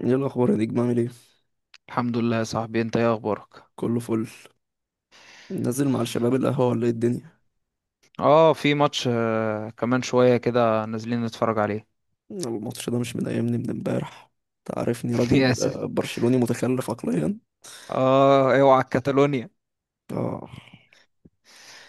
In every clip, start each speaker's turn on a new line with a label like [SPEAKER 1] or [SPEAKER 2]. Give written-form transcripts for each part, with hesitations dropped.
[SPEAKER 1] ايه الاخبار يا نجم؟ عامل ايه؟
[SPEAKER 2] الحمد لله يا صاحبي، انت ايه اخبارك؟
[SPEAKER 1] كله فل. نازل مع الشباب القهوه ولا ايه الدنيا؟
[SPEAKER 2] اه، في ماتش كمان شوية كده نازلين نتفرج عليه.
[SPEAKER 1] الماتش ده مش مضايقني من امبارح. تعرفني
[SPEAKER 2] يا
[SPEAKER 1] راجل،
[SPEAKER 2] ساتر.
[SPEAKER 1] برشلوني متخلف عقليا.
[SPEAKER 2] اه، اوعى كاتالونيا.
[SPEAKER 1] اه.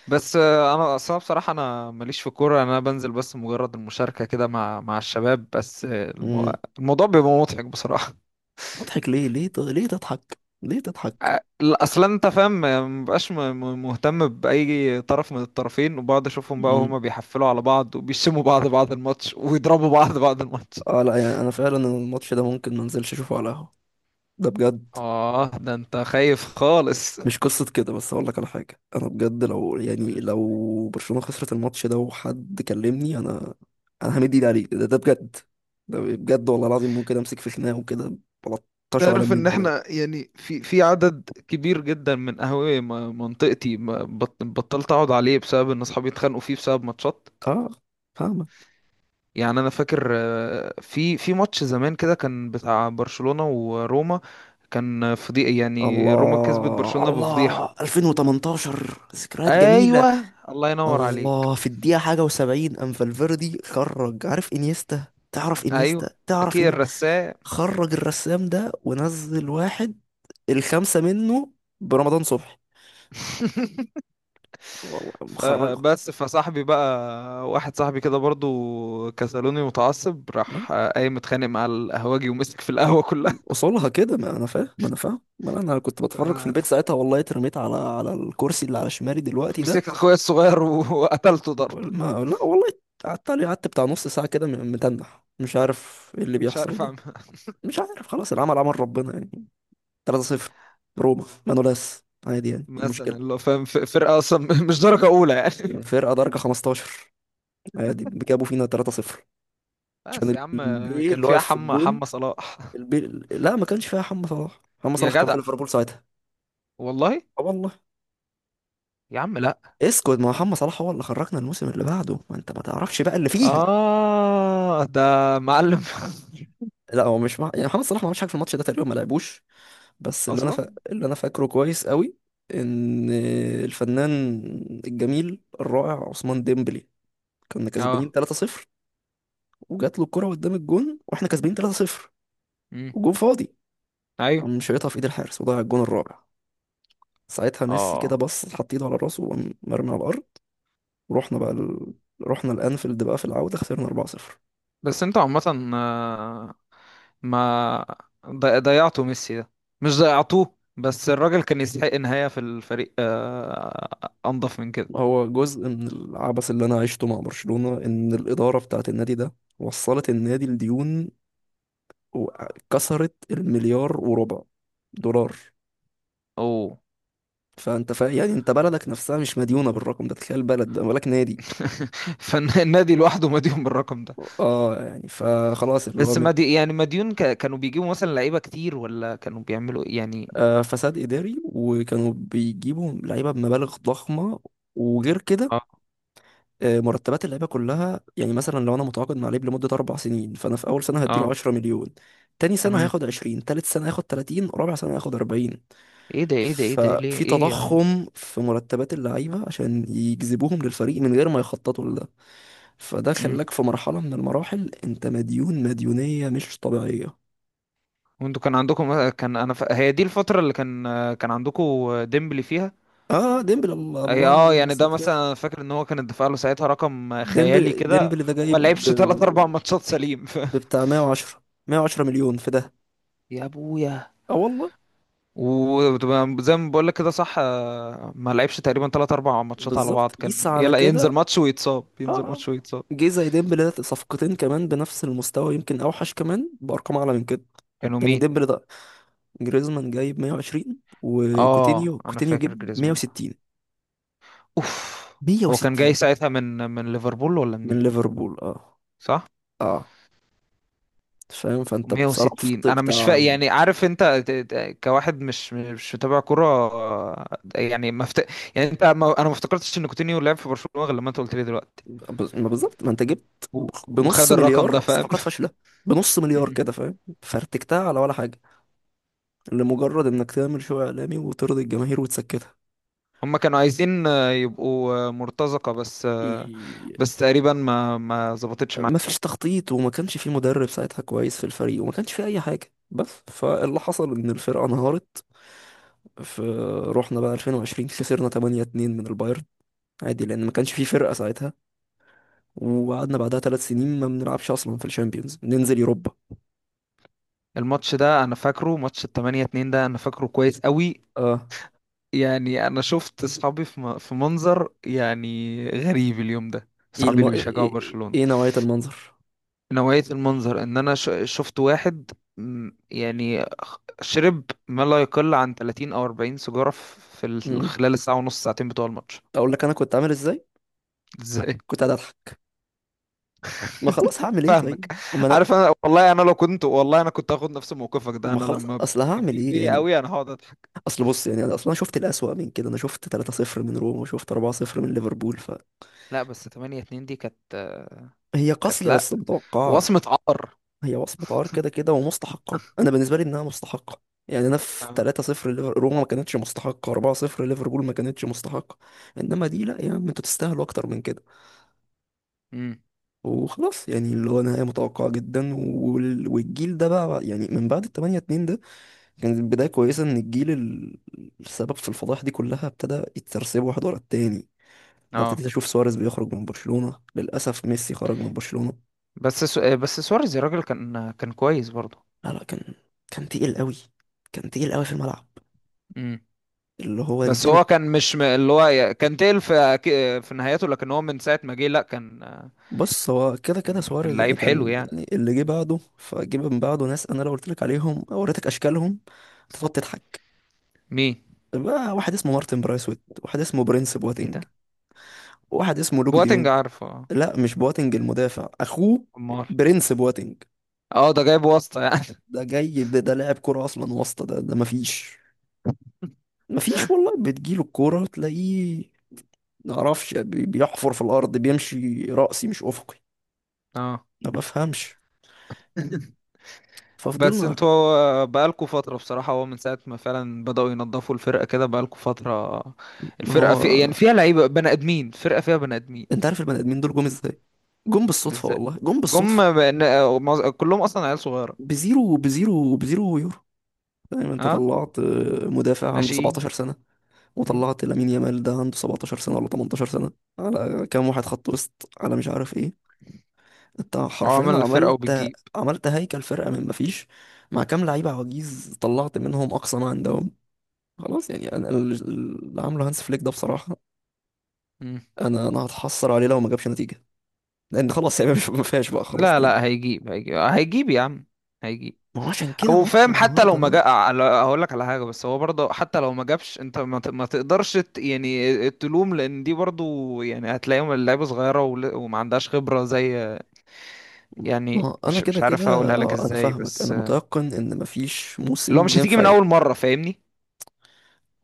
[SPEAKER 2] بس انا اصلا بصراحة انا ماليش في كورة، انا بنزل بس مجرد المشاركة كده مع الشباب، بس
[SPEAKER 1] امم.
[SPEAKER 2] الموضوع بيبقى مضحك بصراحة.
[SPEAKER 1] مضحك ليه؟ ليه تضحك؟ ليه تضحك؟
[SPEAKER 2] اصلا انت فاهم، مبقاش مهتم باي طرف من الطرفين، وبقعد اشوفهم بقى
[SPEAKER 1] امم.
[SPEAKER 2] وهما بيحفلوا على بعض وبيشموا بعض بعد الماتش، ويضربوا بعض بعد الماتش.
[SPEAKER 1] اه لا، يعني انا فعلا الماتش ده ممكن ما انزلش اشوفه على القهوه، ده بجد.
[SPEAKER 2] اه، ده انت خايف خالص.
[SPEAKER 1] مش قصة كده، بس أقول لك على حاجة، أنا بجد لو يعني لو برشلونة خسرت الماتش ده وحد كلمني أنا، أنا همد إيدي عليه، ده بجد. ده بجد والله العظيم، ممكن أمسك في خناقة وكده. بلطشه على
[SPEAKER 2] تعرف
[SPEAKER 1] مين
[SPEAKER 2] ان
[SPEAKER 1] ولا.
[SPEAKER 2] احنا يعني في عدد كبير جدا من قهاوي منطقتي بطلت اقعد عليه بسبب ان اصحابي اتخانقوا فيه بسبب ماتشات.
[SPEAKER 1] آه. فاهمة.
[SPEAKER 2] يعني انا فاكر في ماتش زمان كده كان بتاع برشلونة وروما، كان فضيحة، يعني روما كسبت
[SPEAKER 1] الله
[SPEAKER 2] برشلونة
[SPEAKER 1] الله،
[SPEAKER 2] بفضيحة.
[SPEAKER 1] 2018، ذكريات جميلة.
[SPEAKER 2] ايوه، الله ينور عليك.
[SPEAKER 1] الله، في الدقيقة حاجة و70 أم فالفيردي خرج، عارف إنيستا؟ تعرف
[SPEAKER 2] ايوه،
[SPEAKER 1] إنيستا؟ تعرف
[SPEAKER 2] اكيد
[SPEAKER 1] إني
[SPEAKER 2] الرسام.
[SPEAKER 1] خرج الرسام ده ونزل واحد، الخمسة منه، برمضان صبحي. والله مخرجة.
[SPEAKER 2] فبس، فصاحبي بقى، واحد صاحبي كده برضو كسلوني، متعصب
[SPEAKER 1] لا،
[SPEAKER 2] راح قايم متخانق مع القهوجي ومسك في القهوة كلها.
[SPEAKER 1] اصولها كده، ما انا فاهم ما انا فاهم ما انا أنا كنت بتفرج في البيت ساعتها والله، اترميت على الكرسي اللي على شمالي دلوقتي ده.
[SPEAKER 2] مسكت اخويا الصغير وقتلته ضرب.
[SPEAKER 1] ما لا والله. قعدت عليه، قعدت بتاع نص ساعة كده، متنح، مش عارف ايه اللي
[SPEAKER 2] مش
[SPEAKER 1] بيحصل
[SPEAKER 2] عارف
[SPEAKER 1] ده.
[SPEAKER 2] اعمل.
[SPEAKER 1] مش عارف، خلاص، العمل عمل ربنا يعني. 3-0 روما مانولاس، عادي، يعني إيه
[SPEAKER 2] مثلا
[SPEAKER 1] المشكلة؟
[SPEAKER 2] اللي هو فاهم فرقة اصلا مش درجة اولى يعني.
[SPEAKER 1] يعني؟ فرقة درجة 15، عادي جابوا فينا 3-0 عشان
[SPEAKER 2] بس يا عم،
[SPEAKER 1] البي
[SPEAKER 2] كان
[SPEAKER 1] اللي
[SPEAKER 2] فيها
[SPEAKER 1] واقف في
[SPEAKER 2] حمى
[SPEAKER 1] الجون،
[SPEAKER 2] صلاح.
[SPEAKER 1] البي. لا، ما كانش فيها محمد صلاح، محمد
[SPEAKER 2] يا
[SPEAKER 1] صلاح كان
[SPEAKER 2] جدع،
[SPEAKER 1] في ليفربول ساعتها.
[SPEAKER 2] والله.
[SPEAKER 1] اه والله.
[SPEAKER 2] يا عم لا.
[SPEAKER 1] اسكت، ما محمد صلاح هو اللي خرجنا الموسم اللي بعده، ما انت ما تعرفش بقى اللي فيها.
[SPEAKER 2] اه ده معلم.
[SPEAKER 1] لا، هو مش مع... يعني محمد صلاح ما عملش حاجه في الماتش ده تقريبا، ما لعبوش. بس اللي انا ف...
[SPEAKER 2] اصلا.
[SPEAKER 1] اللي انا فاكره كويس قوي ان الفنان الجميل الرائع عثمان ديمبلي، كنا كسبانين
[SPEAKER 2] اه.
[SPEAKER 1] 3-0 وجات له الكره قدام الجون واحنا كسبانين 3-0
[SPEAKER 2] امم.
[SPEAKER 1] والجون فاضي،
[SPEAKER 2] ايوه.
[SPEAKER 1] قام شايطها في ايد الحارس وضيع الجون الرابع. ساعتها ميسي كده
[SPEAKER 2] اه.
[SPEAKER 1] بص، حط ايده على راسه وقام مرمي على الارض. ورحنا بقى ال... رحنا الانفيلد بقى في العوده، خسرنا 4-0.
[SPEAKER 2] بس انتوا عامة، ما ضيعته ميسي ده، مش ضيعتوه بس، الراجل كان يستحق نهاية في الفريق أنظف من كده.
[SPEAKER 1] هو جزء من العبث اللي انا عشته مع برشلونة، ان الإدارة بتاعت النادي ده وصلت النادي لديون، وكسرت المليار وربع دولار.
[SPEAKER 2] أوه.
[SPEAKER 1] فانت يعني انت بلدك نفسها مش مديونة بالرقم ده، تخيل بلد ده بالك نادي.
[SPEAKER 2] فالنادي لوحده مديون بالرقم ده.
[SPEAKER 1] اه، يعني فخلاص،
[SPEAKER 2] بس مديون كانوا بيجيبوا مثلا لعيبة كتير، ولا كانوا بيعملوا إيه؟ يعني.
[SPEAKER 1] آه فساد إداري، وكانوا بيجيبوا لعيبة بمبالغ ضخمة، وغير كده
[SPEAKER 2] اه.
[SPEAKER 1] مرتبات اللعيبه كلها، يعني مثلا لو انا متعاقد مع لعيب لمده اربع سنين، فانا في اول سنه هديله
[SPEAKER 2] اه.
[SPEAKER 1] 10 مليون، تاني سنه
[SPEAKER 2] تمام.
[SPEAKER 1] هياخد 20، تالت سنه هياخد 30، رابع سنه هياخد 40.
[SPEAKER 2] ايه ده، ايه ده، ايه ده، ليه؟
[SPEAKER 1] ففي
[SPEAKER 2] ايه يا عم؟
[SPEAKER 1] تضخم في مرتبات اللعيبه عشان يجذبوهم للفريق من غير ما يخططوا لده، فده
[SPEAKER 2] امم.
[SPEAKER 1] خلاك في مرحله من المراحل انت مديون مديونيه مش طبيعيه.
[SPEAKER 2] وانتوا كان عندكم، كان هي دي الفترة اللي كان كان عندكم ديمبلي فيها.
[SPEAKER 1] اه، ديمبل، الله الله
[SPEAKER 2] اه،
[SPEAKER 1] الله
[SPEAKER 2] يعني
[SPEAKER 1] يمسيه
[SPEAKER 2] ده مثلا
[SPEAKER 1] بالخير.
[SPEAKER 2] انا فاكر ان هو كان الدفاع له ساعتها رقم خيالي
[SPEAKER 1] ديمبل
[SPEAKER 2] كده،
[SPEAKER 1] ديمبل ده
[SPEAKER 2] وما
[SPEAKER 1] جايب
[SPEAKER 2] لعبش تلات اربع
[SPEAKER 1] ب-
[SPEAKER 2] ماتشات سليم.
[SPEAKER 1] ببتاع 110 مليون في ده.
[SPEAKER 2] يا ابويا.
[SPEAKER 1] اه والله.
[SPEAKER 2] وزي ما بقول لك كده صح، ما لعبش تقريبا تلات اربع ماتشات على
[SPEAKER 1] بالظبط
[SPEAKER 2] بعض،
[SPEAKER 1] قيس
[SPEAKER 2] كان
[SPEAKER 1] على
[SPEAKER 2] يلا ينزل
[SPEAKER 1] كده.
[SPEAKER 2] ماتش ويتصاب،
[SPEAKER 1] اه.
[SPEAKER 2] ينزل
[SPEAKER 1] آه.
[SPEAKER 2] ماتش ويتصاب.
[SPEAKER 1] جيزة ديمبلي ده صفقتين كمان بنفس المستوى، يمكن اوحش كمان بارقام اعلى من كده.
[SPEAKER 2] كانوا
[SPEAKER 1] يعني
[SPEAKER 2] مين؟
[SPEAKER 1] ديمبلي ده، جريزمان جايب 120،
[SPEAKER 2] اه،
[SPEAKER 1] وكوتينيو،
[SPEAKER 2] انا
[SPEAKER 1] كوتينيو
[SPEAKER 2] فاكر
[SPEAKER 1] جاب
[SPEAKER 2] جريزمان ده.
[SPEAKER 1] 160.
[SPEAKER 2] اوف. هو كان جاي
[SPEAKER 1] 160.
[SPEAKER 2] ساعتها من ليفربول ولا
[SPEAKER 1] من
[SPEAKER 2] منين؟
[SPEAKER 1] ليفربول. اه.
[SPEAKER 2] صح.
[SPEAKER 1] اه فاهم، فانت
[SPEAKER 2] 160.
[SPEAKER 1] صرفت
[SPEAKER 2] انا مش فا
[SPEAKER 1] بتاع
[SPEAKER 2] يعني عارف انت كواحد مش متابع كرة، يعني ما مفت... يعني انت ما... انا ما افتكرتش ان كوتينيو لعب في برشلونة غير لما انت قلت لي دلوقتي.
[SPEAKER 1] بز- ما بالظبط، ما انت جبت بنص
[SPEAKER 2] وخد الرقم ده،
[SPEAKER 1] مليار
[SPEAKER 2] فاهم.
[SPEAKER 1] صفقات فاشلة، بنص مليار
[SPEAKER 2] مم.
[SPEAKER 1] كده، فاهم، فرتكتها على ولا حاجة لمجرد انك تعمل شو اعلامي وترضي الجماهير
[SPEAKER 2] هما كانوا عايزين يبقوا مرتزقة بس
[SPEAKER 1] وتسكتها.
[SPEAKER 2] بس تقريبا ما ظبطتش معاهم.
[SPEAKER 1] ما فيش تخطيط، وما كانش في مدرب ساعتها كويس في الفريق، وما كانش في اي حاجه، بس فاللي حصل ان الفرقه انهارت في. رحنا بقى 2020 خسرنا 8-2 من البايرن، عادي لان ما كانش في فرقه ساعتها، وقعدنا بعدها ثلاث سنين ما بنلعبش اصلا في الشامبيونز، ننزل يوروبا.
[SPEAKER 2] الماتش ده انا فاكره، ماتش ال 8-2 ده انا فاكره كويس قوي.
[SPEAKER 1] اه.
[SPEAKER 2] يعني انا شفت اصحابي في في منظر يعني غريب اليوم ده،
[SPEAKER 1] ايه
[SPEAKER 2] اصحابي
[SPEAKER 1] الم...
[SPEAKER 2] اللي
[SPEAKER 1] ايه,
[SPEAKER 2] بيشجعوا
[SPEAKER 1] إيه
[SPEAKER 2] برشلونة.
[SPEAKER 1] إيه نوعيه المنظر؟
[SPEAKER 2] نوعية المنظر ان انا شفت واحد شرب ما لا يقل عن 30 او 40 سيجارة في
[SPEAKER 1] امم.
[SPEAKER 2] خلال الساعة ونص ساعتين بتوع الماتش.
[SPEAKER 1] اقول لك انا كنت عامل ازاي؟
[SPEAKER 2] ازاي؟
[SPEAKER 1] كنت قاعد اضحك. ما خلاص هعمل ايه
[SPEAKER 2] فاهمك.
[SPEAKER 1] طيب، ما انا.
[SPEAKER 2] عارف انا، والله انا لو كنت، والله انا كنت هاخد نفس موقفك ده،
[SPEAKER 1] ما
[SPEAKER 2] انا
[SPEAKER 1] خلاص،
[SPEAKER 2] لما
[SPEAKER 1] اصل هعمل
[SPEAKER 2] بتضيق
[SPEAKER 1] ايه
[SPEAKER 2] بيا
[SPEAKER 1] يعني؟
[SPEAKER 2] قوي انا هقعد اضحك.
[SPEAKER 1] اصل بص، يعني انا اصلا شفت الأسوأ من كده، انا شفت 3-0 من روما وشفت 4-0 من ليفربول،
[SPEAKER 2] لا بس 8-2 دي كانت
[SPEAKER 1] فهي
[SPEAKER 2] كانت،
[SPEAKER 1] قاسية
[SPEAKER 2] لا،
[SPEAKER 1] بس متوقعة.
[SPEAKER 2] وصمة عار.
[SPEAKER 1] هي وصمة عار كده كده ومستحقة، انا بالنسبة لي انها مستحقة. يعني انا في
[SPEAKER 2] اه.
[SPEAKER 1] 3-0 روما ما كانتش مستحقة، 4-0 ليفربول ما كانتش مستحقة، انما دي لا يا عم، انتوا تستاهلوا اكتر من كده.
[SPEAKER 2] امم.
[SPEAKER 1] وخلاص يعني اللي هو نهاية متوقعة جدا، والجيل ده بقى، يعني من بعد ال 8-2 ده كانت بداية كويسة، ان الجيل السبب في الفضائح دي كلها ابتدى يترسبوا واحد ورا التاني. لو
[SPEAKER 2] اه،
[SPEAKER 1] ابتديت اشوف سواريز بيخرج من برشلونة، للاسف ميسي خرج من برشلونة.
[SPEAKER 2] بس بس سواريز يا راجل كان كويس برضه.
[SPEAKER 1] لا كان، كان تقيل قوي، كان تقيل قوي في الملعب،
[SPEAKER 2] امم.
[SPEAKER 1] اللي هو
[SPEAKER 2] بس
[SPEAKER 1] تجيله.
[SPEAKER 2] هو كان مش م... اللي هو كان تقل في في نهايته، لكن هو من ساعة ما جه لا كان،
[SPEAKER 1] بص، هو كده كده
[SPEAKER 2] كان كان
[SPEAKER 1] سواريز يعني
[SPEAKER 2] لعيب حلو
[SPEAKER 1] كان،
[SPEAKER 2] يعني.
[SPEAKER 1] يعني اللي جه بعده، فجه من بعده ناس انا لو قلت لك عليهم او وريتك اشكالهم هتقعد تضحك.
[SPEAKER 2] مين؟
[SPEAKER 1] بقى واحد اسمه مارتن برايسويت، واحد اسمه برنس
[SPEAKER 2] ايه
[SPEAKER 1] بواتينج،
[SPEAKER 2] ده؟
[SPEAKER 1] واحد اسمه لوك ديونج.
[SPEAKER 2] بواتنج عارفه، اه.
[SPEAKER 1] لا مش بواتينج المدافع، اخوه،
[SPEAKER 2] امال.
[SPEAKER 1] برنس بواتينج.
[SPEAKER 2] اه، ده جايب واسطة يعني.
[SPEAKER 1] ده لاعب كرة، اصلا واسطة ده، ده مفيش، مفيش والله. بتجيله الكورة تلاقيه ما اعرفش، بيحفر في الارض، بيمشي راسي مش افقي.
[SPEAKER 2] اه.
[SPEAKER 1] ما بفهمش.
[SPEAKER 2] بس
[SPEAKER 1] ففضلنا.
[SPEAKER 2] انتوا بقالكوا فترة بصراحة، هو من ساعة ما فعلا بدأوا ينظفوا الفرقة كده، بقالكوا فترة
[SPEAKER 1] ما
[SPEAKER 2] الفرقة في
[SPEAKER 1] هو
[SPEAKER 2] يعني فيها لعيبة بني آدمين، فرقة فيها بني آدمين.
[SPEAKER 1] انت عارف البني ادمين دول جم ازاي؟ جم بالصدفه
[SPEAKER 2] ازاي؟
[SPEAKER 1] والله، جم
[SPEAKER 2] جم
[SPEAKER 1] بالصدفه.
[SPEAKER 2] بن- آه، معظ- كلهم أصلا عيال صغيرة.
[SPEAKER 1] بزيرو بزيرو يورو. فاهم، انت
[SPEAKER 2] اه،
[SPEAKER 1] طلعت مدافع عنده
[SPEAKER 2] ناشئين.
[SPEAKER 1] 17 سنه،
[SPEAKER 2] مم.
[SPEAKER 1] وطلعت لامين يامال ده عنده 17 سنه ولا 18 سنه، على كام واحد خط وسط، على مش عارف ايه. انت حرفيا
[SPEAKER 2] وعمل فرقة وبتجيب.
[SPEAKER 1] عملت هيكل فرقه من مفيش، مع كام لعيبه عواجيز طلعت منهم اقصى ما عندهم. خلاص يعني اللي عامله هانس فليك ده بصراحه،
[SPEAKER 2] مم.
[SPEAKER 1] انا هتحسر عليه لو ما جابش نتيجه، لان خلاص يعني ما فيهاش بقى خلاص
[SPEAKER 2] لا
[SPEAKER 1] تاني.
[SPEAKER 2] لا، هيجيب هيجيب يا عم، هيجيب.
[SPEAKER 1] ما هو عشان كده
[SPEAKER 2] او
[SPEAKER 1] ماتش
[SPEAKER 2] فاهم، حتى لو
[SPEAKER 1] النهارده
[SPEAKER 2] ما
[SPEAKER 1] ده.
[SPEAKER 2] جا، هقول لك على حاجه، بس هو برضه حتى لو ما جابش، انت ما، ما تقدرش يعني تلوم، لان دي برضه يعني هتلاقيهم اللعيبه صغيره وما عندهاش خبره زي،
[SPEAKER 1] ما
[SPEAKER 2] يعني
[SPEAKER 1] هو انا
[SPEAKER 2] مش
[SPEAKER 1] كده
[SPEAKER 2] عارف
[SPEAKER 1] كده.
[SPEAKER 2] اقولها لك
[SPEAKER 1] اه انا
[SPEAKER 2] ازاي
[SPEAKER 1] فاهمك، انا
[SPEAKER 2] بس،
[SPEAKER 1] متيقن ان ما فيش
[SPEAKER 2] لو
[SPEAKER 1] موسم
[SPEAKER 2] مش هتيجي
[SPEAKER 1] ينفع
[SPEAKER 2] من
[SPEAKER 1] ي-.
[SPEAKER 2] اول مره، فاهمني؟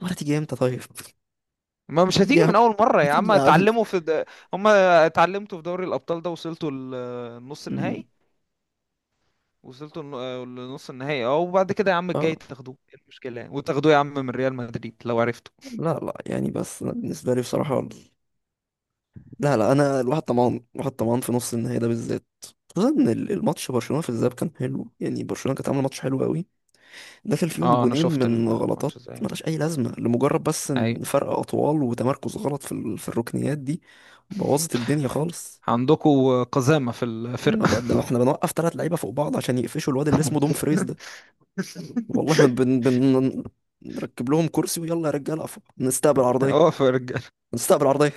[SPEAKER 1] ولا تيجي امتى طيب.
[SPEAKER 2] ما مش
[SPEAKER 1] تيجي
[SPEAKER 2] هتيجي
[SPEAKER 1] يا عم،
[SPEAKER 2] من اول مره يا
[SPEAKER 1] بتيجي
[SPEAKER 2] عم،
[SPEAKER 1] يا عم.
[SPEAKER 2] اتعلموا هم اتعلمتوا في دوري الابطال ده، وصلتوا النص
[SPEAKER 1] أمم.
[SPEAKER 2] النهائي، وصلتوا لنص النهائي. اه، وبعد كده يا عم
[SPEAKER 1] اه
[SPEAKER 2] الجاي تاخدوه، ايه المشكلة يعني، وتاخدوه يا عم من ريال مدريد لو عرفتوا.
[SPEAKER 1] لا لا يعني، بس أنا بالنسبه لي بصراحه، لا لا انا الواحد طمعان، الواحد طمعان في نص النهائي ده بالذات، خصوصا ان الماتش برشلونه في الذهاب كان حلو، يعني برشلونه كانت عامله ماتش حلو قوي، داخل فيهم
[SPEAKER 2] اه، انا
[SPEAKER 1] جونين
[SPEAKER 2] شفت
[SPEAKER 1] من
[SPEAKER 2] الماتش
[SPEAKER 1] غلطات
[SPEAKER 2] ازاي.
[SPEAKER 1] ملهاش أي لازمة، لمجرد بس إن
[SPEAKER 2] ايوه،
[SPEAKER 1] فرق أطوال وتمركز غلط في الركنيات دي، بوظت الدنيا خالص.
[SPEAKER 2] عندكوا قزامة في
[SPEAKER 1] ما
[SPEAKER 2] الفرقة.
[SPEAKER 1] بقى ده احنا بنوقف تلات لعيبة فوق بعض عشان يقفشوا الواد اللي اسمه دوم فريز ده. والله ما بن... بن... نركب لهم كرسي ويلا يا رجالة أقفوا نستقبل عرضية،
[SPEAKER 2] اه، في الرجالة.
[SPEAKER 1] نستقبل عرضية.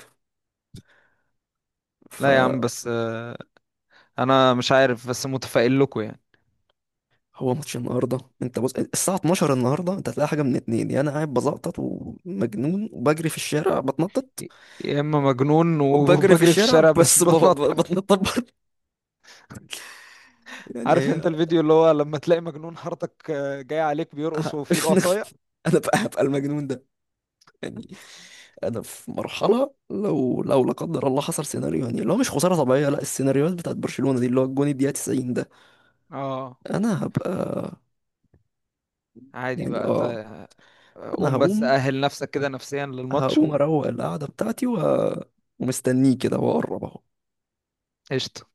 [SPEAKER 2] لا يا عم،
[SPEAKER 1] فهو
[SPEAKER 2] بس انا مش عارف، بس متفائل لكم يعني.
[SPEAKER 1] ماتش النهارده، انت بص الساعة 12 النهارده، انت هتلاقي حاجة من اتنين، يا انا قاعد بزقطط ومجنون وبجري في الشارع بتنطط،
[SPEAKER 2] يا اما مجنون
[SPEAKER 1] وبجري في
[SPEAKER 2] وبجري في
[SPEAKER 1] الشارع
[SPEAKER 2] الشارع
[SPEAKER 1] بس ب-
[SPEAKER 2] بتنطط.
[SPEAKER 1] ب- بتنطط برضه. يعني
[SPEAKER 2] عارف انت
[SPEAKER 1] هي
[SPEAKER 2] الفيديو اللي هو لما تلاقي مجنون حارتك جاي عليك بيرقص
[SPEAKER 1] ه-
[SPEAKER 2] وفي ايده عصاية.
[SPEAKER 1] انا بقى هبقى المجنون ده. انا في مرحله لو لا قدر الله حصل سيناريو، يعني اللي هو مش خساره طبيعيه لا، السيناريوهات بتاعت برشلونه دي اللي هو الجون الدقيقه 90 ده،
[SPEAKER 2] اه،
[SPEAKER 1] انا هبقى،
[SPEAKER 2] عادي
[SPEAKER 1] يعني
[SPEAKER 2] بقى
[SPEAKER 1] اه.
[SPEAKER 2] طيب.
[SPEAKER 1] انا
[SPEAKER 2] قوم بس
[SPEAKER 1] هقوم،
[SPEAKER 2] أهل نفسك كده نفسيا للماتش.
[SPEAKER 1] هقوم اروق القعده بتاعتي و... ومستنيه كده واقرب اهو.
[SPEAKER 2] وقشطة.